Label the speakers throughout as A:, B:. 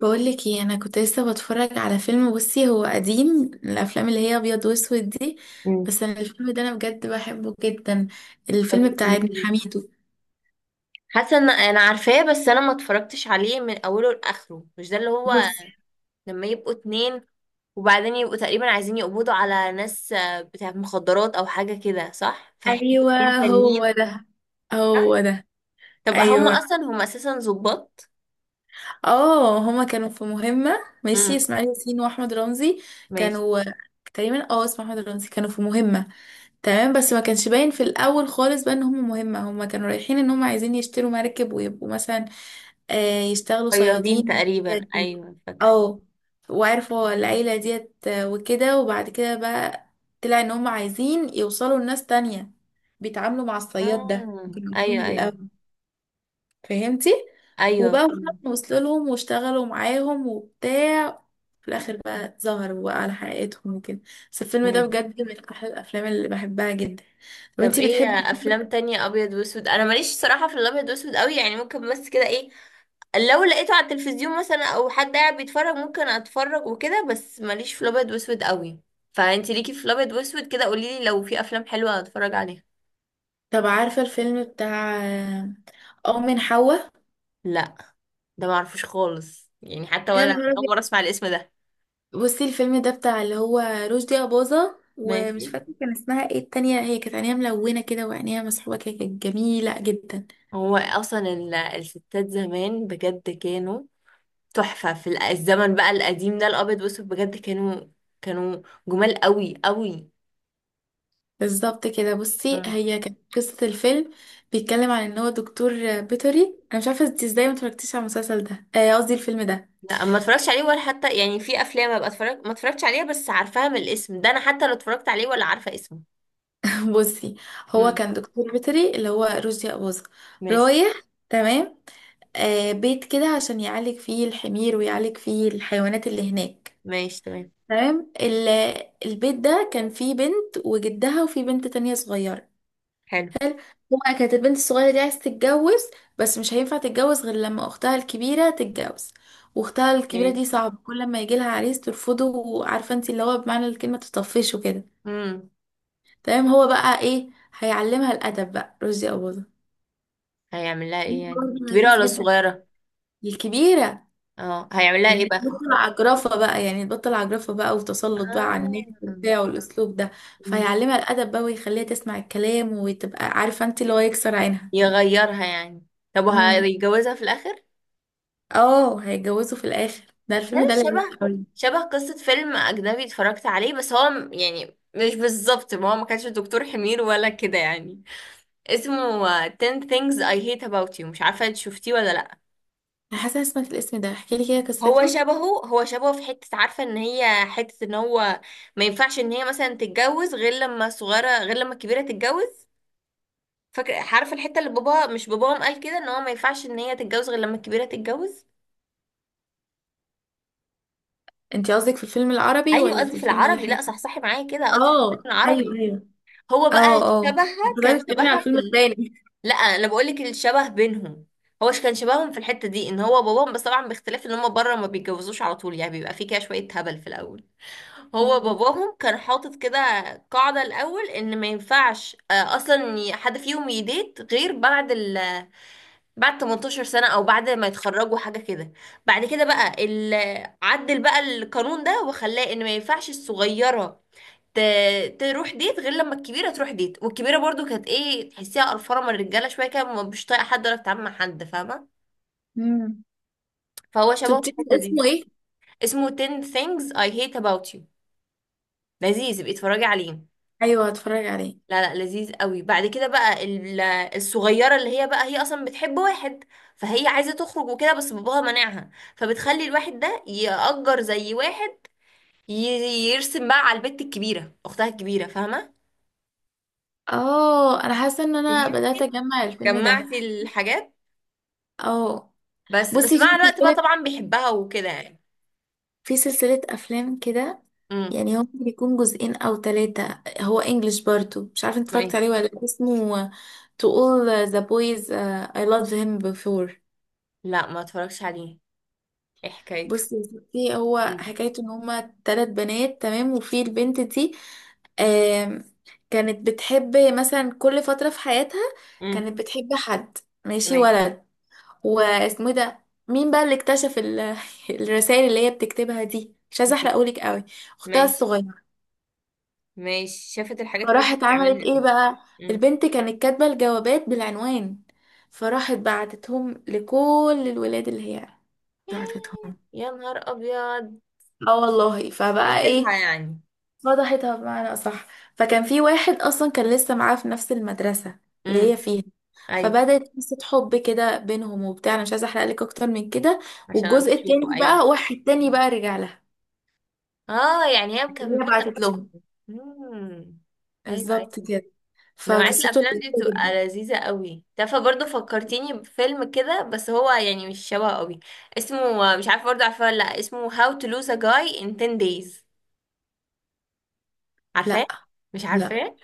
A: بقولك ايه؟ انا كنت لسه بتفرج على فيلم. بصي، هو قديم، من الافلام اللي هي ابيض واسود دي.
B: مم.
A: بس انا الفيلم ده انا بجد بحبه جدا.
B: طب
A: الفيلم بتاع
B: قولي
A: ابن
B: لي.
A: حميدو.
B: حاسه ان انا عارفاه، بس انا ما اتفرجتش عليه من اوله لاخره. مش ده اللي هو
A: بصي.
B: لما يبقوا اتنين وبعدين يبقوا تقريبا عايزين يقبضوا على ناس بتاعت مخدرات او حاجه كده، صح؟ فيحبوا
A: ايوه،
B: اتنين
A: هو
B: تانيين.
A: ده
B: صح.
A: هو ده.
B: طب
A: ايوه.
B: هم اساسا ظباط.
A: اه هما كانوا في مهمه. ماشي،
B: امم.
A: اسماعيل ياسين واحمد رمزي
B: ماشي.
A: كانوا تقريبا، اسمه احمد رمزي، كانوا في مهمه. تمام، بس ما كانش باين في الاول خالص بقى ان هم مهمه، هم كانوا رايحين ان هم عايزين يشتروا مركب ويبقوا مثلا، يشتغلوا
B: فياضين
A: صيادين والحاجات
B: تقريبا،
A: دي.
B: ايوه فاكره.
A: اه وعرفوا العيلة ديت، وكده. وبعد كده بقى طلع ان هم عايزين يوصلوا لناس تانية، بيتعاملوا مع الصياد ده،
B: امم.
A: كانوا عارفين
B: ايوه،
A: من
B: ايوه،
A: الأول. فهمتي.
B: ايوه.
A: وبقى وصلوا لهم واشتغلوا معاهم وبتاع. في الآخر بقى ظهروا بقى على حقيقتهم وكده. بس الفيلم ده
B: امم.
A: بجد من أحلى الأفلام اللي بحبها جدا. طب
B: طب
A: انتي
B: ايه
A: بتحبي إيه؟
B: افلام تانية ابيض واسود؟ انا ماليش صراحه في الابيض واسود قوي، يعني ممكن بس كده، ايه؟ لو لقيته على التلفزيون مثلا، او حد قاعد بيتفرج، ممكن اتفرج وكده، بس ماليش في الابيض واسود قوي. فانتي ليكي في الابيض واسود كده، قوليلي لو في افلام حلوه اتفرج عليها.
A: طب عارفة الفيلم بتاع أم من حواء؟
B: لا، ده معرفوش خالص، يعني حتى
A: يا
B: ولا
A: نهار
B: اول
A: أبيض.
B: مره اسمع الاسم ده.
A: بصي، الفيلم ده بتاع اللي هو رشدي أباظة،
B: ماشي.
A: ومش فاكرة كان اسمها ايه التانية، هي كانت عينيها ملونة كده وعينيها مسحوبة كده، كانت جميلة جدا.
B: هو اصلا الستات زمان بجد كانوا تحفه في الزمن، بقى القديم ده الابيض واسود بجد كانوا كانوا جمال قوي قوي.
A: بالظبط كده. بصي، هي كانت قصة الفيلم، بيتكلم عن ان هو دكتور بيطري. انا مش عارفة انت ازاي ما اتفرجتيش على المسلسل ده، قصدي الفيلم ده.
B: لا، ما اتفرجتش عليه ولا حتى يعني في افلام ابقى اتفرج، ما اتفرجتش عليها بس عارفاها من الاسم ده، انا حتى لو اتفرجت عليه ولا عارفه اسمه.
A: بصي، هو
B: امم.
A: كان دكتور بيطري اللي هو رشدي أباظة.
B: ماشي.
A: رايح، تمام، بيت كده عشان يعالج فيه الحمير ويعالج فيه الحيوانات اللي هناك.
B: ماشي. تمام.
A: تمام. البيت ده كان فيه بنت وجدها وفيه بنت تانية صغيرة.
B: حلو.
A: حلو. هو كانت البنت الصغيرة دي عايزة تتجوز، بس مش هينفع تتجوز غير لما أختها الكبيرة تتجوز، وأختها الكبيرة
B: ماشي.
A: دي صعبة، كل ما يجيلها عريس ترفضه، وعارفة انت اللي هو بمعنى الكلمة تطفش وكده.
B: امم.
A: تمام. هو بقى ايه؟ هيعلمها الأدب بقى رشدي أباظة.
B: هيعمل لها ايه
A: فيلم
B: يعني،
A: برضه
B: كبيره
A: لذيذ
B: ولا
A: جدا.
B: صغيره؟
A: الكبيرة.
B: اه، هيعمل لها ايه
A: يعني
B: بقى؟
A: تبطل عجرفة بقى، يعني تبطل عجرفة بقى، وتسلط بقى
B: آه.
A: على الناس وبتاع، والأسلوب ده.
B: مم.
A: فيعلمها الأدب بقى ويخليها تسمع الكلام وتبقى عارفة انت اللي هو يكسر عينها.
B: يغيرها يعني. طب
A: امم.
B: وهيتجوزها في الاخر؟
A: اه، هيتجوزوا في الآخر. ده الفيلم
B: افلام
A: ده
B: شبه
A: لذيذ قوي.
B: قصه فيلم اجنبي اتفرجت عليه، بس هو يعني مش بالظبط. ما هو ما كانش دكتور حمير ولا كده يعني. اسمه 10 things I hate about you، مش عارفة انت شفتيه ولا لأ.
A: أنا حاسة إني سمعت الاسم ده، احكي لي كده قصته.
B: هو شبهه في حتة، عارفة ان هي حتة ان هو ما ينفعش ان هي مثلا تتجوز غير لما صغيرة، غير لما الكبيرة تتجوز. فاكرة، عارفة الحتة اللي بابا، مش باباهم، قال كده ان هو ما ينفعش ان هي تتجوز غير لما الكبيرة تتجوز.
A: انت قصدك في الفيلم العربي
B: ايوه،
A: ولا في
B: قصدي في
A: الفيلم اللي
B: العربي.
A: احنا؟
B: لا، صحصحي معايا كده، قصدي في الفيلم
A: اه، ايوه
B: العربي.
A: ايوه.
B: هو بقى
A: اه اه،
B: شبهها
A: انت
B: كان
A: قاعدة تتكلمي على
B: شبهها
A: الفيلم التاني.
B: لا، انا بقول لك الشبه بينهم. هو كان شبههم في الحته دي ان هو باباهم، بس طبعا باختلاف ان هم بره ما بيتجوزوش على طول، يعني بيبقى في كده شويه هبل في الاول. هو
A: امم
B: باباهم كان حاطط كده قاعده الاول ان ما ينفعش، اصلا حد فيهم يديت غير بعد ال بعد 18 سنه او بعد ما يتخرجوا حاجه كده. بعد كده بقى عدل بقى القانون ده وخلاه ان ما ينفعش الصغيره تروح ديت غير لما الكبيره تروح ديت. والكبيره برضو كانت ايه، تحسيها قرفانه من الرجاله شويه كده، مش طايقه حد ولا بتتعامل مع حد، فاهمه؟
A: امم.
B: فهو شبهه في
A: شفتي
B: الحته دي.
A: اسمه ايه؟
B: اسمه 10 things I hate about you، لذيذ ابقي اتفرجي عليه.
A: ايوه، هتفرج عليه.
B: لا لا، لذيذ قوي. بعد كده بقى الصغيره اللي هي بقى هي اصلا بتحب واحد، فهي عايزه تخرج وكده بس باباها مانعها. فبتخلي الواحد ده يأجر زي واحد ي- يرسم بقى على البت الكبيره، اختها الكبيره، فاهمه؟
A: اه، انا حاسه ان انا بدات
B: فهمتي؟
A: اجمع الفيلم ده.
B: جمعتي الحاجات.
A: اه.
B: بس
A: بصي، في
B: مع الوقت بقى
A: سلسلة،
B: طبعا بيحبها وكده يعني.
A: أفلام كده.
B: امم.
A: يعني هو ممكن يكون جزئين أو ثلاثة، هو انجلش برضو، مش عارفة انت
B: ما
A: اتفرجت
B: ايه.
A: عليه ولا لأ، اسمه To All the Boys I Loved Him Before.
B: لا، ما اتفرجش عليه. ايه حكايته؟
A: بصي يا ستي، هو
B: امم.
A: حكايته ان هما ثلاث بنات، تمام، وفي البنت دي، آم، كانت بتحب مثلا كل فترة في حياتها،
B: امم.
A: كانت بتحب حد، ماشي،
B: تمام.
A: ولد. واسمه إيه ده؟ مين بقى اللي اكتشف الرسائل اللي هي بتكتبها دي؟ مش عايزه احرقهولك قوي. اختها
B: ماشي.
A: الصغيره.
B: ماشي، شافت الحاجات اللي هي
A: فراحت عملت
B: بتعملها
A: ايه
B: دي.
A: بقى؟
B: امم.
A: البنت كانت كاتبه الجوابات بالعنوان، فراحت بعتتهم لكل الولاد اللي هي
B: إيه.
A: بعتتهم.
B: يا نهار ابيض.
A: اه والله. فبقى
B: فضحتها
A: ايه؟
B: يعني.
A: فضحتها بمعنى أصح. فكان في واحد أصلا كان لسه معاه في نفس المدرسة اللي هي
B: امم.
A: فيها،
B: ايوه،
A: فبدأت قصة حب كده بينهم وبتاع. أنا مش عايزة أحرق لك أكتر من كده.
B: عشان
A: والجزء
B: تشوفه.
A: التاني
B: ايوه.
A: بقى واحد تاني بقى رجع لها.
B: اه، يعني هي
A: هي
B: مكمله
A: بعتت
B: اصلا.
A: لهم.
B: امم. ايوه،
A: بالظبط
B: ايوه.
A: كده.
B: نوعية
A: فقصته
B: الأفلام دي
A: لذيذة
B: بتبقى
A: جدا.
B: لذيذة قوي. تعرفي برضه فكرتيني بفيلم كده، بس هو يعني مش شبه قوي. اسمه، مش عارفة برضه عارفاه ولا لأ، اسمه How to Lose a Guy in 10 Days. عارفاه؟
A: لا
B: مش
A: لا.
B: عارفاه؟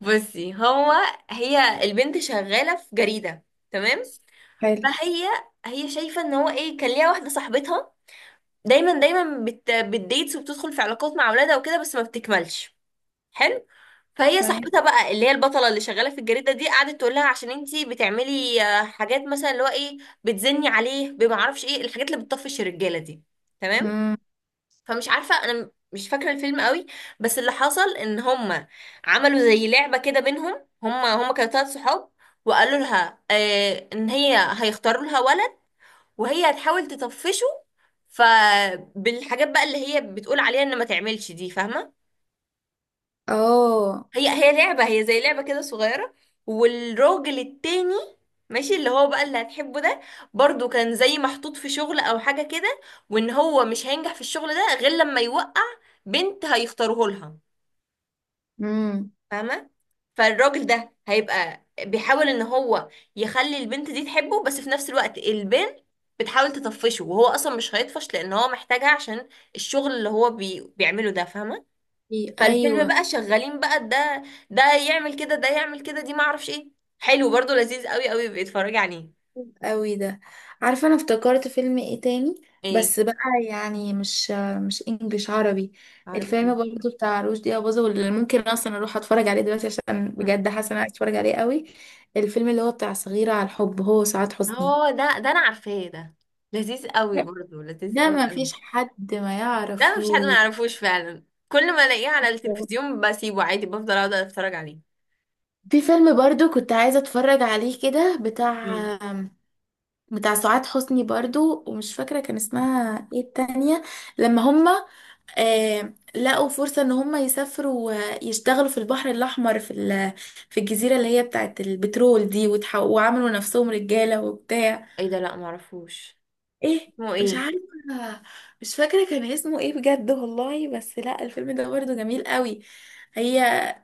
B: بصي هو، هي البنت شغالة في جريدة، تمام؟
A: حلو.
B: فهي، هي شايفة ان هو ايه، كان ليها واحدة صاحبتها دايما دايما بتديتس وبتدخل في علاقات مع اولادها وكده بس ما بتكملش. حلو. فهي
A: معايا.
B: صاحبتها بقى، اللي هي البطله اللي شغاله في الجريده دي، قعدت تقول لها عشان انتي بتعملي حاجات مثلا، اللي هو ايه، بتزني عليه، بما اعرفش ايه الحاجات اللي بتطفش الرجاله دي. تمام.
A: امم.
B: فمش عارفه انا مش فاكره الفيلم قوي. بس اللي حصل ان هما عملوا زي لعبه كده بينهم، هما كانوا 3 صحاب، وقالوا لها ان هي هيختاروا لها ولد وهي هتحاول تطفشه. فبالحاجات بقى اللي هي بتقول عليها ان ما تعملش دي، فاهمه؟
A: اه.
B: هي لعبة، هي زي لعبة كده صغيرة. والراجل التاني، ماشي، اللي هو بقى اللي هتحبه ده، برضو كان زي محطوط في شغل او حاجة كده، وان هو مش هينجح في الشغل ده غير لما يوقع بنت هيختاروه لها،
A: امم.
B: فاهمة؟ فالراجل ده هيبقى بيحاول ان هو يخلي البنت دي تحبه، بس في نفس الوقت البنت بتحاول تطفشه، وهو اصلا مش هيطفش لان هو محتاجها عشان الشغل اللي هو بيعمله ده، فاهمة؟ فالفيلم
A: ايوه.
B: بقى شغالين بقى، ده يعمل كده، ده يعمل كده، دي ما اعرفش ايه. حلو برضو، لذيذ قوي قوي بيتفرج عليه.
A: قوي ده. عارفه انا افتكرت فيلم ايه تاني.
B: ايه؟
A: بس بقى، يعني مش انجليش، عربي.
B: عربي ايه؟
A: الفيلم برضه بتاع رشدي اباظة، واللي ممكن اصلا اروح اتفرج عليه دلوقتي عشان بجد حاسه إن انا عايز اتفرج عليه قوي. الفيلم اللي هو بتاع صغيره على الحب، هو سعاد حسني.
B: اه، ده انا عارفاه ده. لذيذ قوي برضو، لذيذ
A: ده
B: قوي
A: ما
B: قوي.
A: فيش حد ما
B: ده مش حد ما
A: يعرفه.
B: يعرفوش فعلا. كل ما الاقيه على التلفزيون بسيبه عادي، بفضل اقعد اتفرج عليه.
A: في فيلم برضو كنت عايزة اتفرج عليه كده، بتاع
B: امم.
A: بتاع سعاد حسني برضو، ومش فاكرة كان اسمها ايه التانية. لما هما، لقوا فرصة ان هم يسافروا، يشتغلوا في البحر الاحمر في الجزيرة اللي هي بتاعت البترول دي، وعملوا نفسهم رجالة وبتاع.
B: ايه ده؟ لا، ما اعرفوش.
A: ايه؟
B: اسمه
A: مش
B: ايه؟
A: عارفة، مش فاكرة كان اسمه ايه بجد والله. بس لا، الفيلم ده برضه جميل قوي. هي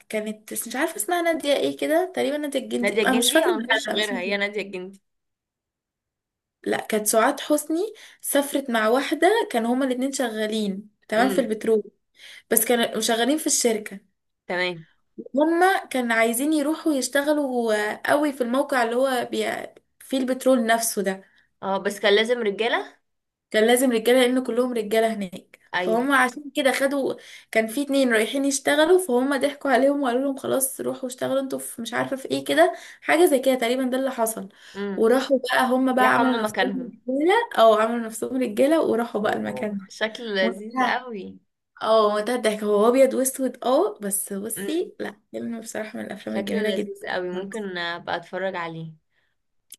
A: كانت مش عارفة اسمها، نادية ايه كده تقريبا، نادية الجندي،
B: نادية
A: انا مش
B: الجندي؟
A: فاكرة.
B: او
A: لا
B: مفيش
A: لا، مش
B: غيرها، هي
A: نادية.
B: نادية الجندي.
A: لا، كانت سعاد حسني. سافرت مع واحدة، كانوا هما الاتنين شغالين، تمام، في
B: امم.
A: البترول، بس كانوا شغالين في الشركة.
B: تمام.
A: هما كان عايزين يروحوا يشتغلوا قوي في الموقع اللي هو فيه البترول نفسه ده.
B: اه بس كان لازم رجالة.
A: كان لازم رجالة لأن كلهم رجالة هناك،
B: ايوه.
A: فهم عشان كده خدوا، كان في اتنين رايحين يشتغلوا، فهم ضحكوا عليهم وقالوا لهم خلاص روحوا اشتغلوا انتوا في، مش عارفة، في ايه كده، حاجة زي كده تقريبا، ده اللي حصل.
B: امم.
A: وراحوا بقى هم بقى
B: راحوا هما
A: عملوا نفسهم
B: مكانهم.
A: رجالة، او عملوا نفسهم رجالة وراحوا بقى المكان
B: أوه.
A: ده.
B: شكله لذيذ
A: منتهى
B: قوي.
A: اه منتهى الضحك. هو ابيض واسود، بس
B: امم.
A: بصي، لا فيلم بصراحة من الافلام
B: شكله
A: الجميلة جدا.
B: لذيذ قوي، ممكن ابقى اتفرج عليه.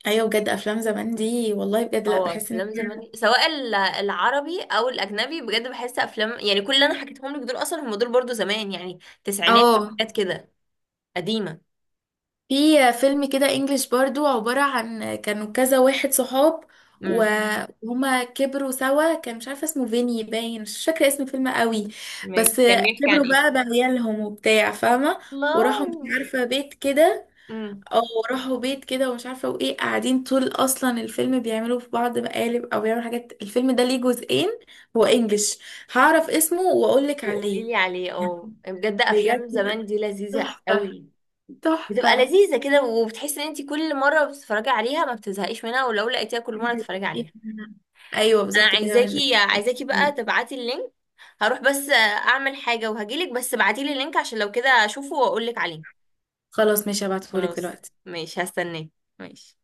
A: ايوه بجد، افلام زمان دي والله بجد، لا
B: اه
A: بحس ان
B: افلام زمان،
A: هي.
B: سواء العربي او الاجنبي، بجد بحس افلام يعني كل اللي انا حكيتهم لك دول اصلا هم دول برضو زمان، يعني تسعينات،
A: اه،
B: حاجات كده قديمه.
A: في فيلم كده انجليش برضو، عبارة عن كانوا كذا واحد صحاب و-
B: امم.
A: وهما كبروا سوا، كان مش عارفة اسمه، فيني باين مش فاكرة اسم الفيلم قوي.
B: ماشي،
A: بس
B: كان بيحكي عن
A: كبروا
B: ايه؟
A: بقى بعيالهم وبتاع فاهمة، وراحوا مش
B: الله.
A: عارفة بيت كده،
B: امم.
A: او راحوا بيت كده ومش عارفة وايه، قاعدين طول اصلا الفيلم بيعملوا في بعض مقالب او بيعملوا حاجات. الفيلم ده ليه جزئين، هو انجليش. هعرف اسمه واقولك
B: وقولي
A: عليه.
B: لي عليه، اه بجد
A: بجد
B: افلام زمان
A: لا،
B: دي لذيذه
A: تحفة
B: قوي. بتبقى
A: تحفة.
B: لذيذه كده، وبتحس ان انت كل مره بتتفرجي عليها ما بتزهقيش منها، ولو لقيتيها كل مره تتفرجي عليها.
A: ايوه
B: انا
A: بالظبط كده. مش بت...
B: عايزاكي بقى تبعتي اللينك. هروح بس اعمل حاجة وهجيلك، بس ابعتيلي اللينك عشان لو كده اشوفه واقولك عليه.
A: خلاص ماشي، هبعتهولك
B: خلاص
A: دلوقتي.
B: ماشي، هستناك. ماشي.